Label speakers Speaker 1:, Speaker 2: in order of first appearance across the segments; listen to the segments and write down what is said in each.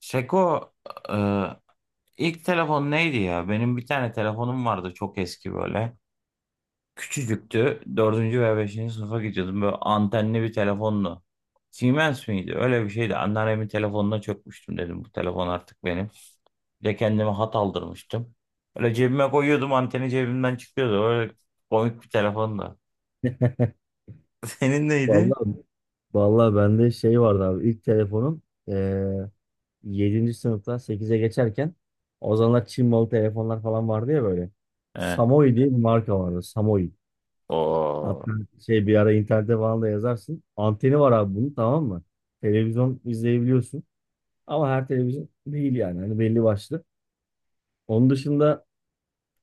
Speaker 1: Şeko, e, ilk telefon neydi ya? Benim bir tane telefonum vardı, çok eski böyle. Küçücüktü. Dördüncü veya beşinci sınıfa gidiyordum. Böyle antenli bir telefonlu. Siemens miydi? Öyle bir şeydi. Anneannemin telefonuna çökmüştüm, dedim bu telefon artık benim. Bir de kendime hat aldırmıştım. Öyle cebime koyuyordum, anteni cebimden çıkıyordu. Öyle komik bir telefondu. Senin neydi?
Speaker 2: Vallahi vallahi bende şey vardı abi. İlk telefonum eee 7. sınıftan 8'e geçerken o zamanlar Çin malı telefonlar falan vardı ya böyle.
Speaker 1: He.
Speaker 2: Samoi diye bir marka vardı. Samoi. Hatta
Speaker 1: Oo.
Speaker 2: şey bir ara internette falan da yazarsın. Anteni var abi bunun, tamam mı? Televizyon izleyebiliyorsun. Ama her televizyon değil yani. Hani belli başlı. Onun dışında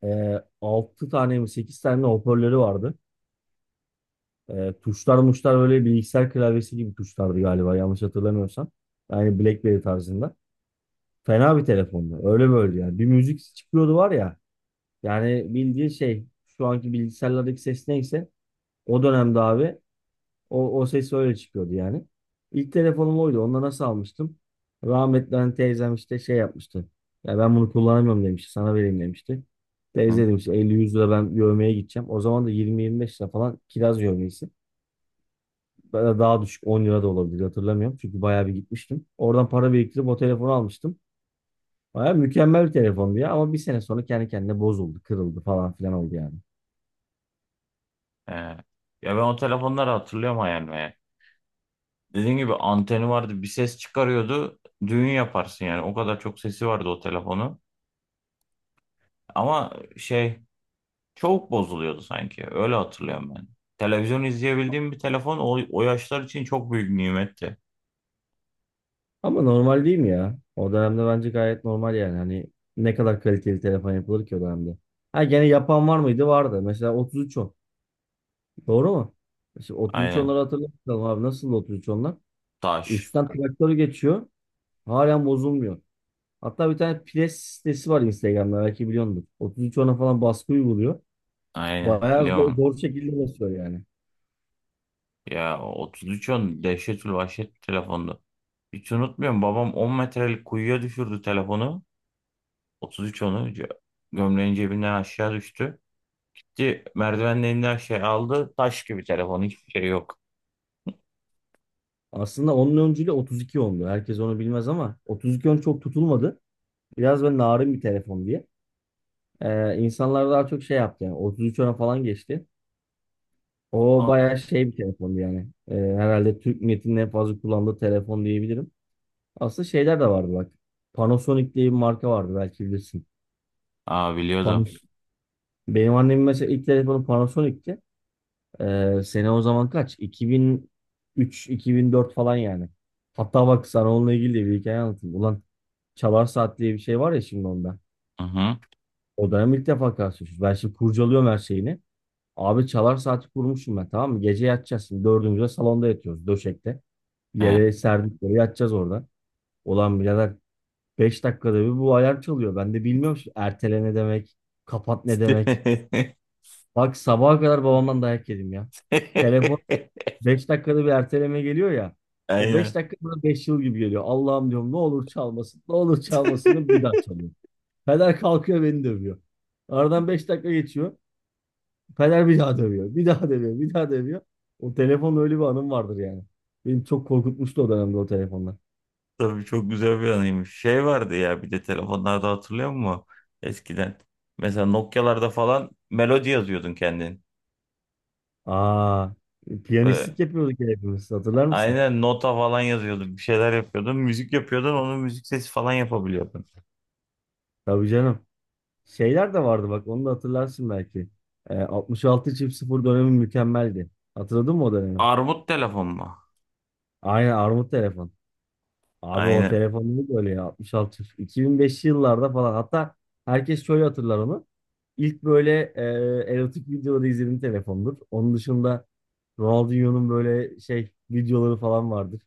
Speaker 2: 6 tane mi 8 tane hoparlörü vardı. E, tuşlar muşlar öyle bilgisayar klavyesi gibi tuşlardı galiba, yanlış hatırlamıyorsam. Yani BlackBerry tarzında. Fena bir telefondu. Öyle böyle yani. Bir müzik çıkıyordu var ya. Yani bildiği şey şu anki bilgisayarlardaki ses neyse o dönemde abi o ses öyle çıkıyordu yani. İlk telefonum oydu. Onu da nasıl almıştım? Rahmetli hani teyzem işte şey yapmıştı. Ya ben bunu kullanamıyorum demişti. Sana vereyim demişti.
Speaker 1: Hı?
Speaker 2: Teyze demiş 50-100 lira ben yövmeye gideceğim. O zaman da 20-25 lira falan kiraz yövmesi. Daha düşük 10 lira da olabilir, hatırlamıyorum. Çünkü bayağı bir gitmiştim. Oradan para biriktirip o telefonu almıştım. Bayağı mükemmel bir telefondu ya, ama bir sene sonra kendi kendine bozuldu, kırıldı falan filan oldu yani.
Speaker 1: He. Ya ben o telefonları hatırlıyorum hayal meyal. Dediğim gibi anteni vardı, bir ses çıkarıyordu, düğün yaparsın yani, o kadar çok sesi vardı o telefonun. Ama şey, çok bozuluyordu sanki, öyle hatırlıyorum ben. Televizyon izleyebildiğim bir telefon o yaşlar için çok büyük nimetti.
Speaker 2: Ama normal değil mi ya? O dönemde bence gayet normal yani. Hani ne kadar kaliteli telefon yapılır ki o dönemde. Ha, gene yapan var mıydı? Vardı. Mesela 3310. Doğru mu? Mesela otuz üç
Speaker 1: Aynen.
Speaker 2: onları hatırlatalım abi. Nasıl otuz üç onlar,
Speaker 1: Taş.
Speaker 2: üstten traktörü geçiyor. Halen bozulmuyor. Hatta bir tane pres sitesi var Instagram'da, belki biliyorsunuz. 33 ona falan baskı uyguluyor.
Speaker 1: Aynen,
Speaker 2: Bayağı zor,
Speaker 1: biliyorum
Speaker 2: zor şekilde basıyor yani.
Speaker 1: ya. 33 on dehşetül vahşet bir telefondu. Hiç unutmuyorum, babam 10 metrelik kuyuya düşürdü telefonu, 33 onu, gömleğin cebinden aşağı düştü. Gitti merdivenin, her şey aldı. Taş gibi telefon, hiçbir şey yok.
Speaker 2: Aslında onun öncülüğü 32 ondu. Herkes onu bilmez ama 32 on çok tutulmadı. Biraz böyle narin bir telefon diye. İnsanlar daha çok şey yaptı yani. 33 ona falan geçti. O
Speaker 1: Al.
Speaker 2: bayağı şey bir telefondu yani. Herhalde Türk milletinin en fazla kullandığı telefon diyebilirim. Aslında şeyler de vardı bak. Panasonic diye bir marka vardı, belki bilirsin.
Speaker 1: Aa, biliyordum.
Speaker 2: Panasonic. Benim annemin mesela ilk telefonu Panasonic'ti. Sene o zaman kaç? 2003-2004 falan yani. Hatta bak, sana onunla ilgili de bir hikaye anlatayım. Ulan, Çalar Saat diye bir şey var ya şimdi onda.
Speaker 1: Hı hı.
Speaker 2: O dönem ilk defa karşılaşıyoruz. Ben şimdi kurcalıyorum her şeyini. Abi Çalar Saati kurmuşum ben, tamam mı? Gece yatacağız şimdi. Dördümüzde salonda yatıyoruz döşekte.
Speaker 1: He.
Speaker 2: Yere serdik böyle, yatacağız orada. Ulan birader, 5 dakikada bir bu alarm çalıyor. Ben de bilmiyorum şimdi, ertele ne demek, kapat ne demek. Bak, sabaha kadar babamdan dayak yedim ya. Telefon 5 dakikada bir erteleme geliyor ya. O 5
Speaker 1: Aynen.
Speaker 2: dakika bana 5 yıl gibi geliyor. Allah'ım, diyorum, ne olur çalmasın. Ne olur çalmasın diyorum, bir daha çalıyor. Peder kalkıyor, beni dövüyor. Aradan 5 dakika geçiyor. Peder bir daha dövüyor. Bir daha dövüyor. Bir daha dövüyor. O telefonla öyle bir anım vardır yani. Benim çok korkutmuştu o dönemde o telefonlar.
Speaker 1: Tabii, çok güzel bir anıymış. Şey vardı ya bir de telefonlarda, hatırlıyor musun? Eskiden. Mesela Nokia'larda falan melodi yazıyordun kendin.
Speaker 2: Aa,
Speaker 1: Böyle,
Speaker 2: piyanistlik yapıyorduk ya hepimiz. Hatırlar mısın?
Speaker 1: aynen nota falan yazıyordun. Bir şeyler yapıyordun. Müzik yapıyordun. Onun müzik sesi falan yapabiliyordun.
Speaker 2: Tabii canım. Şeyler de vardı bak, onu da hatırlarsın belki. 66 çift sıfır dönemi mükemmeldi. Hatırladın mı o dönemi?
Speaker 1: Armut telefon mu?
Speaker 2: Aynen, armut telefon. Abi o
Speaker 1: Aynen.
Speaker 2: telefon neydi öyle ya, 66 2005'li yıllarda falan, hatta herkes şöyle hatırlar onu. İlk böyle erotik videoları izlediğim telefondur. Onun dışında Ronaldinho'nun böyle şey videoları falan vardır.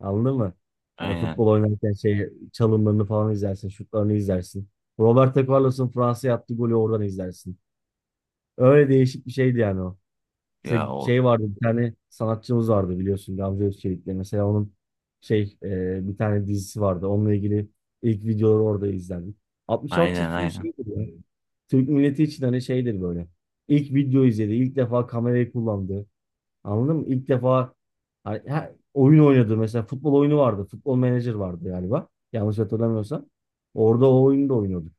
Speaker 2: Anladın mı? Hani
Speaker 1: Aynen.
Speaker 2: futbol oynarken şey çalımlarını falan izlersin, şutlarını izlersin. Roberto Carlos'un Fransa'ya attığı golü oradan izlersin. Öyle değişik bir şeydi yani o. İşte
Speaker 1: Ya o.
Speaker 2: şey vardı, bir tane sanatçımız vardı biliyorsun, Gamze Özçelik'le. Mesela onun şey bir tane dizisi vardı. Onunla ilgili ilk videoları orada izlendik. 66
Speaker 1: Aynen,
Speaker 2: çift sulu
Speaker 1: aynen.
Speaker 2: şeydir ya. Türk milleti için hani şeydir böyle. İlk video izledi. İlk defa kamerayı kullandı. Anladın mı? İlk defa hani, oyun oynadı. Mesela futbol oyunu vardı. Futbol manager vardı galiba. Yanlış hatırlamıyorsam. Orada o oyunu da oynuyordu.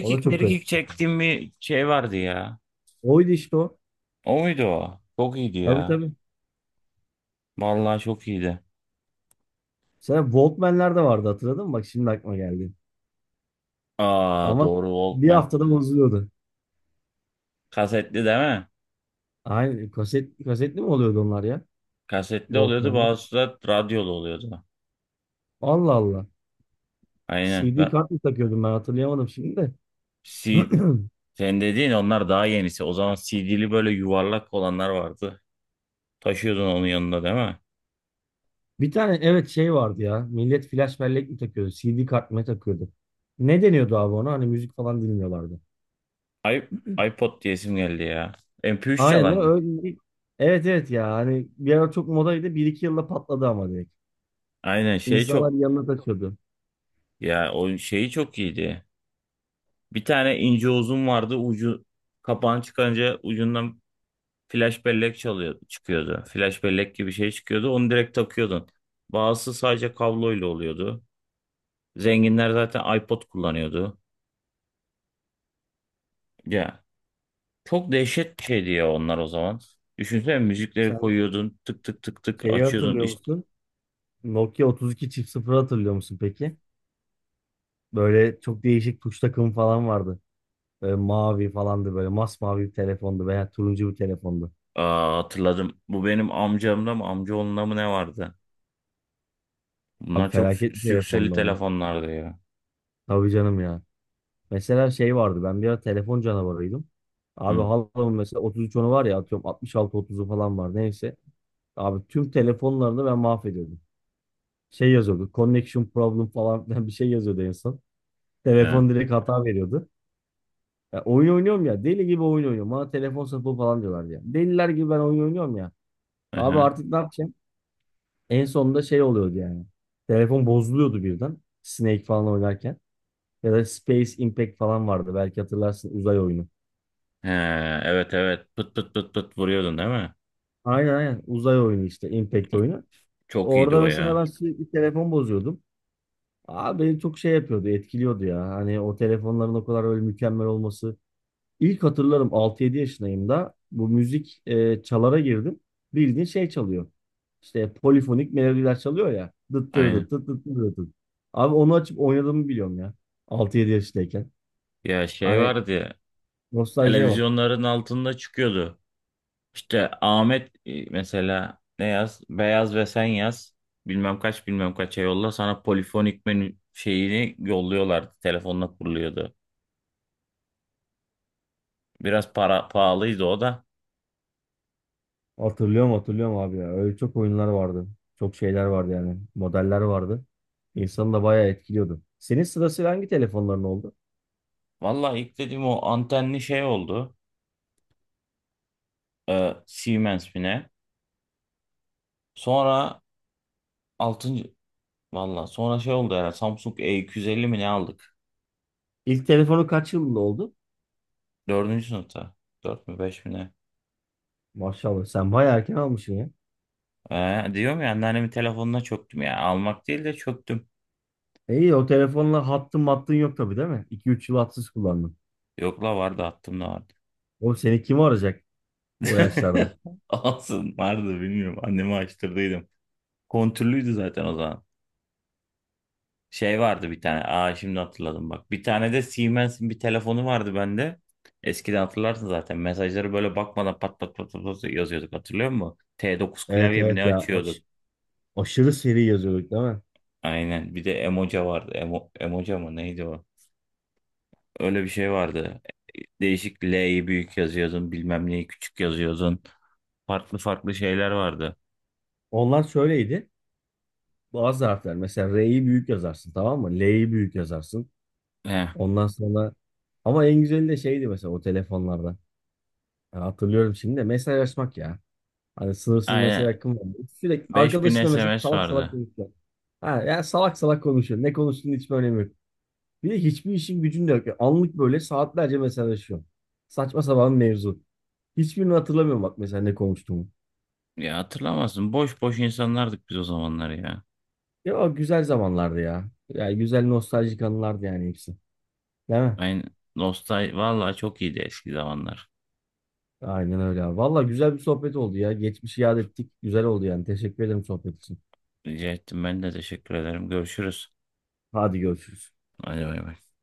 Speaker 2: O da çok garip.
Speaker 1: mirikik çektiğim bir şey vardı ya.
Speaker 2: Oydu işte o.
Speaker 1: O muydu o? Çok iyiydi
Speaker 2: Tabii,
Speaker 1: ya.
Speaker 2: tabii.
Speaker 1: Vallahi çok iyiydi.
Speaker 2: Sen Walkman'ler de vardı, hatırladın mı? Bak şimdi aklıma geldi.
Speaker 1: Aa,
Speaker 2: Ama
Speaker 1: doğru,
Speaker 2: bir
Speaker 1: Walkman.
Speaker 2: haftada bozuluyordu.
Speaker 1: Kasetli değil mi?
Speaker 2: Aynen, kasetli mi oluyordu onlar ya?
Speaker 1: Kasetli oluyordu,
Speaker 2: Walkman'la.
Speaker 1: bazısı da radyolu oluyordu.
Speaker 2: Allah Allah.
Speaker 1: Aynen.
Speaker 2: CD
Speaker 1: Ben
Speaker 2: kart mı takıyordum ben, hatırlayamadım şimdi de.
Speaker 1: C sen dediğin onlar daha yenisi. O zaman CD'li böyle yuvarlak olanlar vardı. Taşıyordun onun yanında değil mi?
Speaker 2: Bir tane evet, şey vardı ya. Millet flash bellek mi takıyordu? CD kart mı takıyordu? Ne deniyordu abi ona? Hani müzik falan dinliyorlardı.
Speaker 1: I iPod diyesim geldi ya. MP3
Speaker 2: Aynen
Speaker 1: çalar
Speaker 2: değil mi?
Speaker 1: mı?
Speaker 2: Evet, evet ya. Hani bir ara çok modaydı. Bir iki yılda patladı ama, direkt.
Speaker 1: Aynen, şey,
Speaker 2: İnsanlar
Speaker 1: çok.
Speaker 2: yanına takıyordu.
Speaker 1: Ya o şeyi çok iyiydi. Bir tane ince uzun vardı. Ucu, kapağını çıkarınca ucundan flash bellek çalıyor, çıkıyordu. Flash bellek gibi şey çıkıyordu. Onu direkt takıyordun. Bazısı sadece kabloyla oluyordu. Zenginler zaten iPod kullanıyordu. Ya, çok dehşet bir şeydi ya onlar o zaman. Düşünsene, müzikleri
Speaker 2: Sen
Speaker 1: koyuyordun, tık tık tık tık
Speaker 2: şeyi
Speaker 1: açıyordun.
Speaker 2: hatırlıyor
Speaker 1: İşte.
Speaker 2: musun? Nokia 32 çift sıfır, hatırlıyor musun peki? Böyle çok değişik tuş takımı falan vardı. Böyle mavi falandı, böyle masmavi bir telefondu veya turuncu bir telefondu.
Speaker 1: Aa, hatırladım. Bu benim amcamda mı, amcaoğlunda mı ne vardı?
Speaker 2: Abi
Speaker 1: Bunlar çok
Speaker 2: felaket
Speaker 1: sü-
Speaker 2: bir
Speaker 1: sükseli
Speaker 2: telefondu o da.
Speaker 1: telefonlardı ya.
Speaker 2: Tabii canım ya. Mesela şey vardı, ben bir ara telefon canavarıydım. Abi
Speaker 1: Hı.
Speaker 2: halamın mesela 33 onu var ya, atıyorum altmış altı otuzu falan var, neyse. Abi tüm telefonlarını ben mahvediyordum. Şey yazıyordu, connection problem falan filan bir şey yazıyordu en son.
Speaker 1: He.
Speaker 2: Telefon direkt hata veriyordu. Ya oyun oynuyorum, ya deli gibi oyun oynuyorum. Bana telefon sapı falan diyorlar ya. Deliler gibi ben oyun oynuyorum ya.
Speaker 1: Hı,
Speaker 2: Abi
Speaker 1: hı.
Speaker 2: artık ne yapacağım? En sonunda şey oluyordu yani. Telefon bozuluyordu birden. Snake falan oynarken. Ya da Space Impact falan vardı. Belki hatırlarsın, uzay oyunu.
Speaker 1: He, evet evet, pıt pıt pıt pıt vuruyordun değil mi?
Speaker 2: Aynen, aynen, uzay oyunu işte, Impact oyunu.
Speaker 1: Çok iyiydi
Speaker 2: Orada
Speaker 1: o
Speaker 2: mesela
Speaker 1: ya.
Speaker 2: ben sürekli telefon bozuyordum. Abi beni çok şey yapıyordu, etkiliyordu ya. Hani o telefonların o kadar öyle mükemmel olması. İlk hatırlarım, 6-7 yaşındayım da bu müzik çalara girdim. Bildiğin şey çalıyor. İşte polifonik melodiler çalıyor ya. Dıt dırı
Speaker 1: Aynen.
Speaker 2: dıt dıt dıt dırı dıt. Abi onu açıp oynadığımı biliyorum ya. 6-7 yaşındayken.
Speaker 1: Ya şey
Speaker 2: Hani
Speaker 1: vardı ya,
Speaker 2: nostaljiye bak.
Speaker 1: televizyonların altında çıkıyordu. İşte Ahmet, mesela ne yaz? Beyaz ve sen yaz. Bilmem kaç bilmem kaça yolla, sana polifonik menü şeyini yolluyorlardı. Telefonla kuruluyordu. Biraz para pahalıydı o da.
Speaker 2: Hatırlıyorum, hatırlıyorum abi ya. Öyle çok oyunlar vardı. Çok şeyler vardı yani. Modeller vardı. İnsanı da bayağı etkiliyordu. Senin sırasıyla hangi telefonların oldu?
Speaker 1: Vallahi ilk dediğim o antenli şey oldu. Siemens mi ne? Sonra altıncı. Valla sonra şey oldu, herhalde Samsung E250 mi ne aldık?
Speaker 2: İlk telefonu kaç yılında oldu?
Speaker 1: Dördüncü sınıfta. Dört mü beş mi ne?
Speaker 2: Maşallah sen bayağı erken almışsın ya.
Speaker 1: Diyorum ya, anneannemin telefonuna çöktüm ya. Almak değil de çöktüm.
Speaker 2: E, İyi o telefonla hattın mattın yok tabii değil mi? 2 üç yıl hatsız kullandın.
Speaker 1: Yok la, vardı, attım da vardı.
Speaker 2: Oğlum seni kim arayacak o yaşlarda?
Speaker 1: Olsun, vardı, bilmiyorum. Anneme açtırdıydım. Kontürlüydü zaten o zaman. Şey vardı bir tane. Aa, şimdi hatırladım bak. Bir tane de Siemens'in bir telefonu vardı bende. Eskiden hatırlarsın zaten. Mesajları böyle bakmadan pat pat pat pat pat yazıyorduk, hatırlıyor musun? T9
Speaker 2: Evet,
Speaker 1: klavye mi ne
Speaker 2: evet ya,
Speaker 1: açıyorduk?
Speaker 2: aşırı seri yazıyorduk değil mi?
Speaker 1: Aynen. Bir de Emoca vardı. Emoca mı neydi o? Öyle bir şey vardı. Değişik, L'yi büyük yazıyordun, bilmem neyi küçük yazıyordun. Farklı farklı şeyler vardı.
Speaker 2: Onlar şöyleydi. Bazı harfler mesela R'yi büyük yazarsın, tamam mı? L'yi büyük yazarsın.
Speaker 1: He,
Speaker 2: Ondan sonra, ama en güzeli de şeydi mesela o telefonlarda. Ya hatırlıyorum şimdi de mesajlaşmak ya. Hani sınırsız mesaj
Speaker 1: aynen.
Speaker 2: hakkım var. Sürekli
Speaker 1: 5.000
Speaker 2: arkadaşına mesela
Speaker 1: SMS
Speaker 2: salak salak
Speaker 1: vardı.
Speaker 2: konuşuyor. Ha, ya salak salak konuşuyor. Ne konuştuğunun hiçbir önemi yok. Bir de hiçbir işin gücün de yok. Yani anlık böyle saatlerce mesajlaşıyor. Saçma sapan mevzu. Hiçbirini hatırlamıyorum bak, mesela ne konuştuğumu.
Speaker 1: Ya hatırlamazsın. Boş boş insanlardık biz o zamanlar ya.
Speaker 2: Ya, o güzel zamanlardı ya. Yani güzel nostaljik anılardı yani hepsi. Değil mi?
Speaker 1: Aynen. Vallahi çok iyiydi eski zamanlar.
Speaker 2: Aynen öyle abi. Valla güzel bir sohbet oldu ya. Geçmişi yad ettik. Güzel oldu yani. Teşekkür ederim sohbet için.
Speaker 1: Rica ettim, ben de teşekkür ederim. Görüşürüz.
Speaker 2: Hadi görüşürüz.
Speaker 1: Hadi bay bay.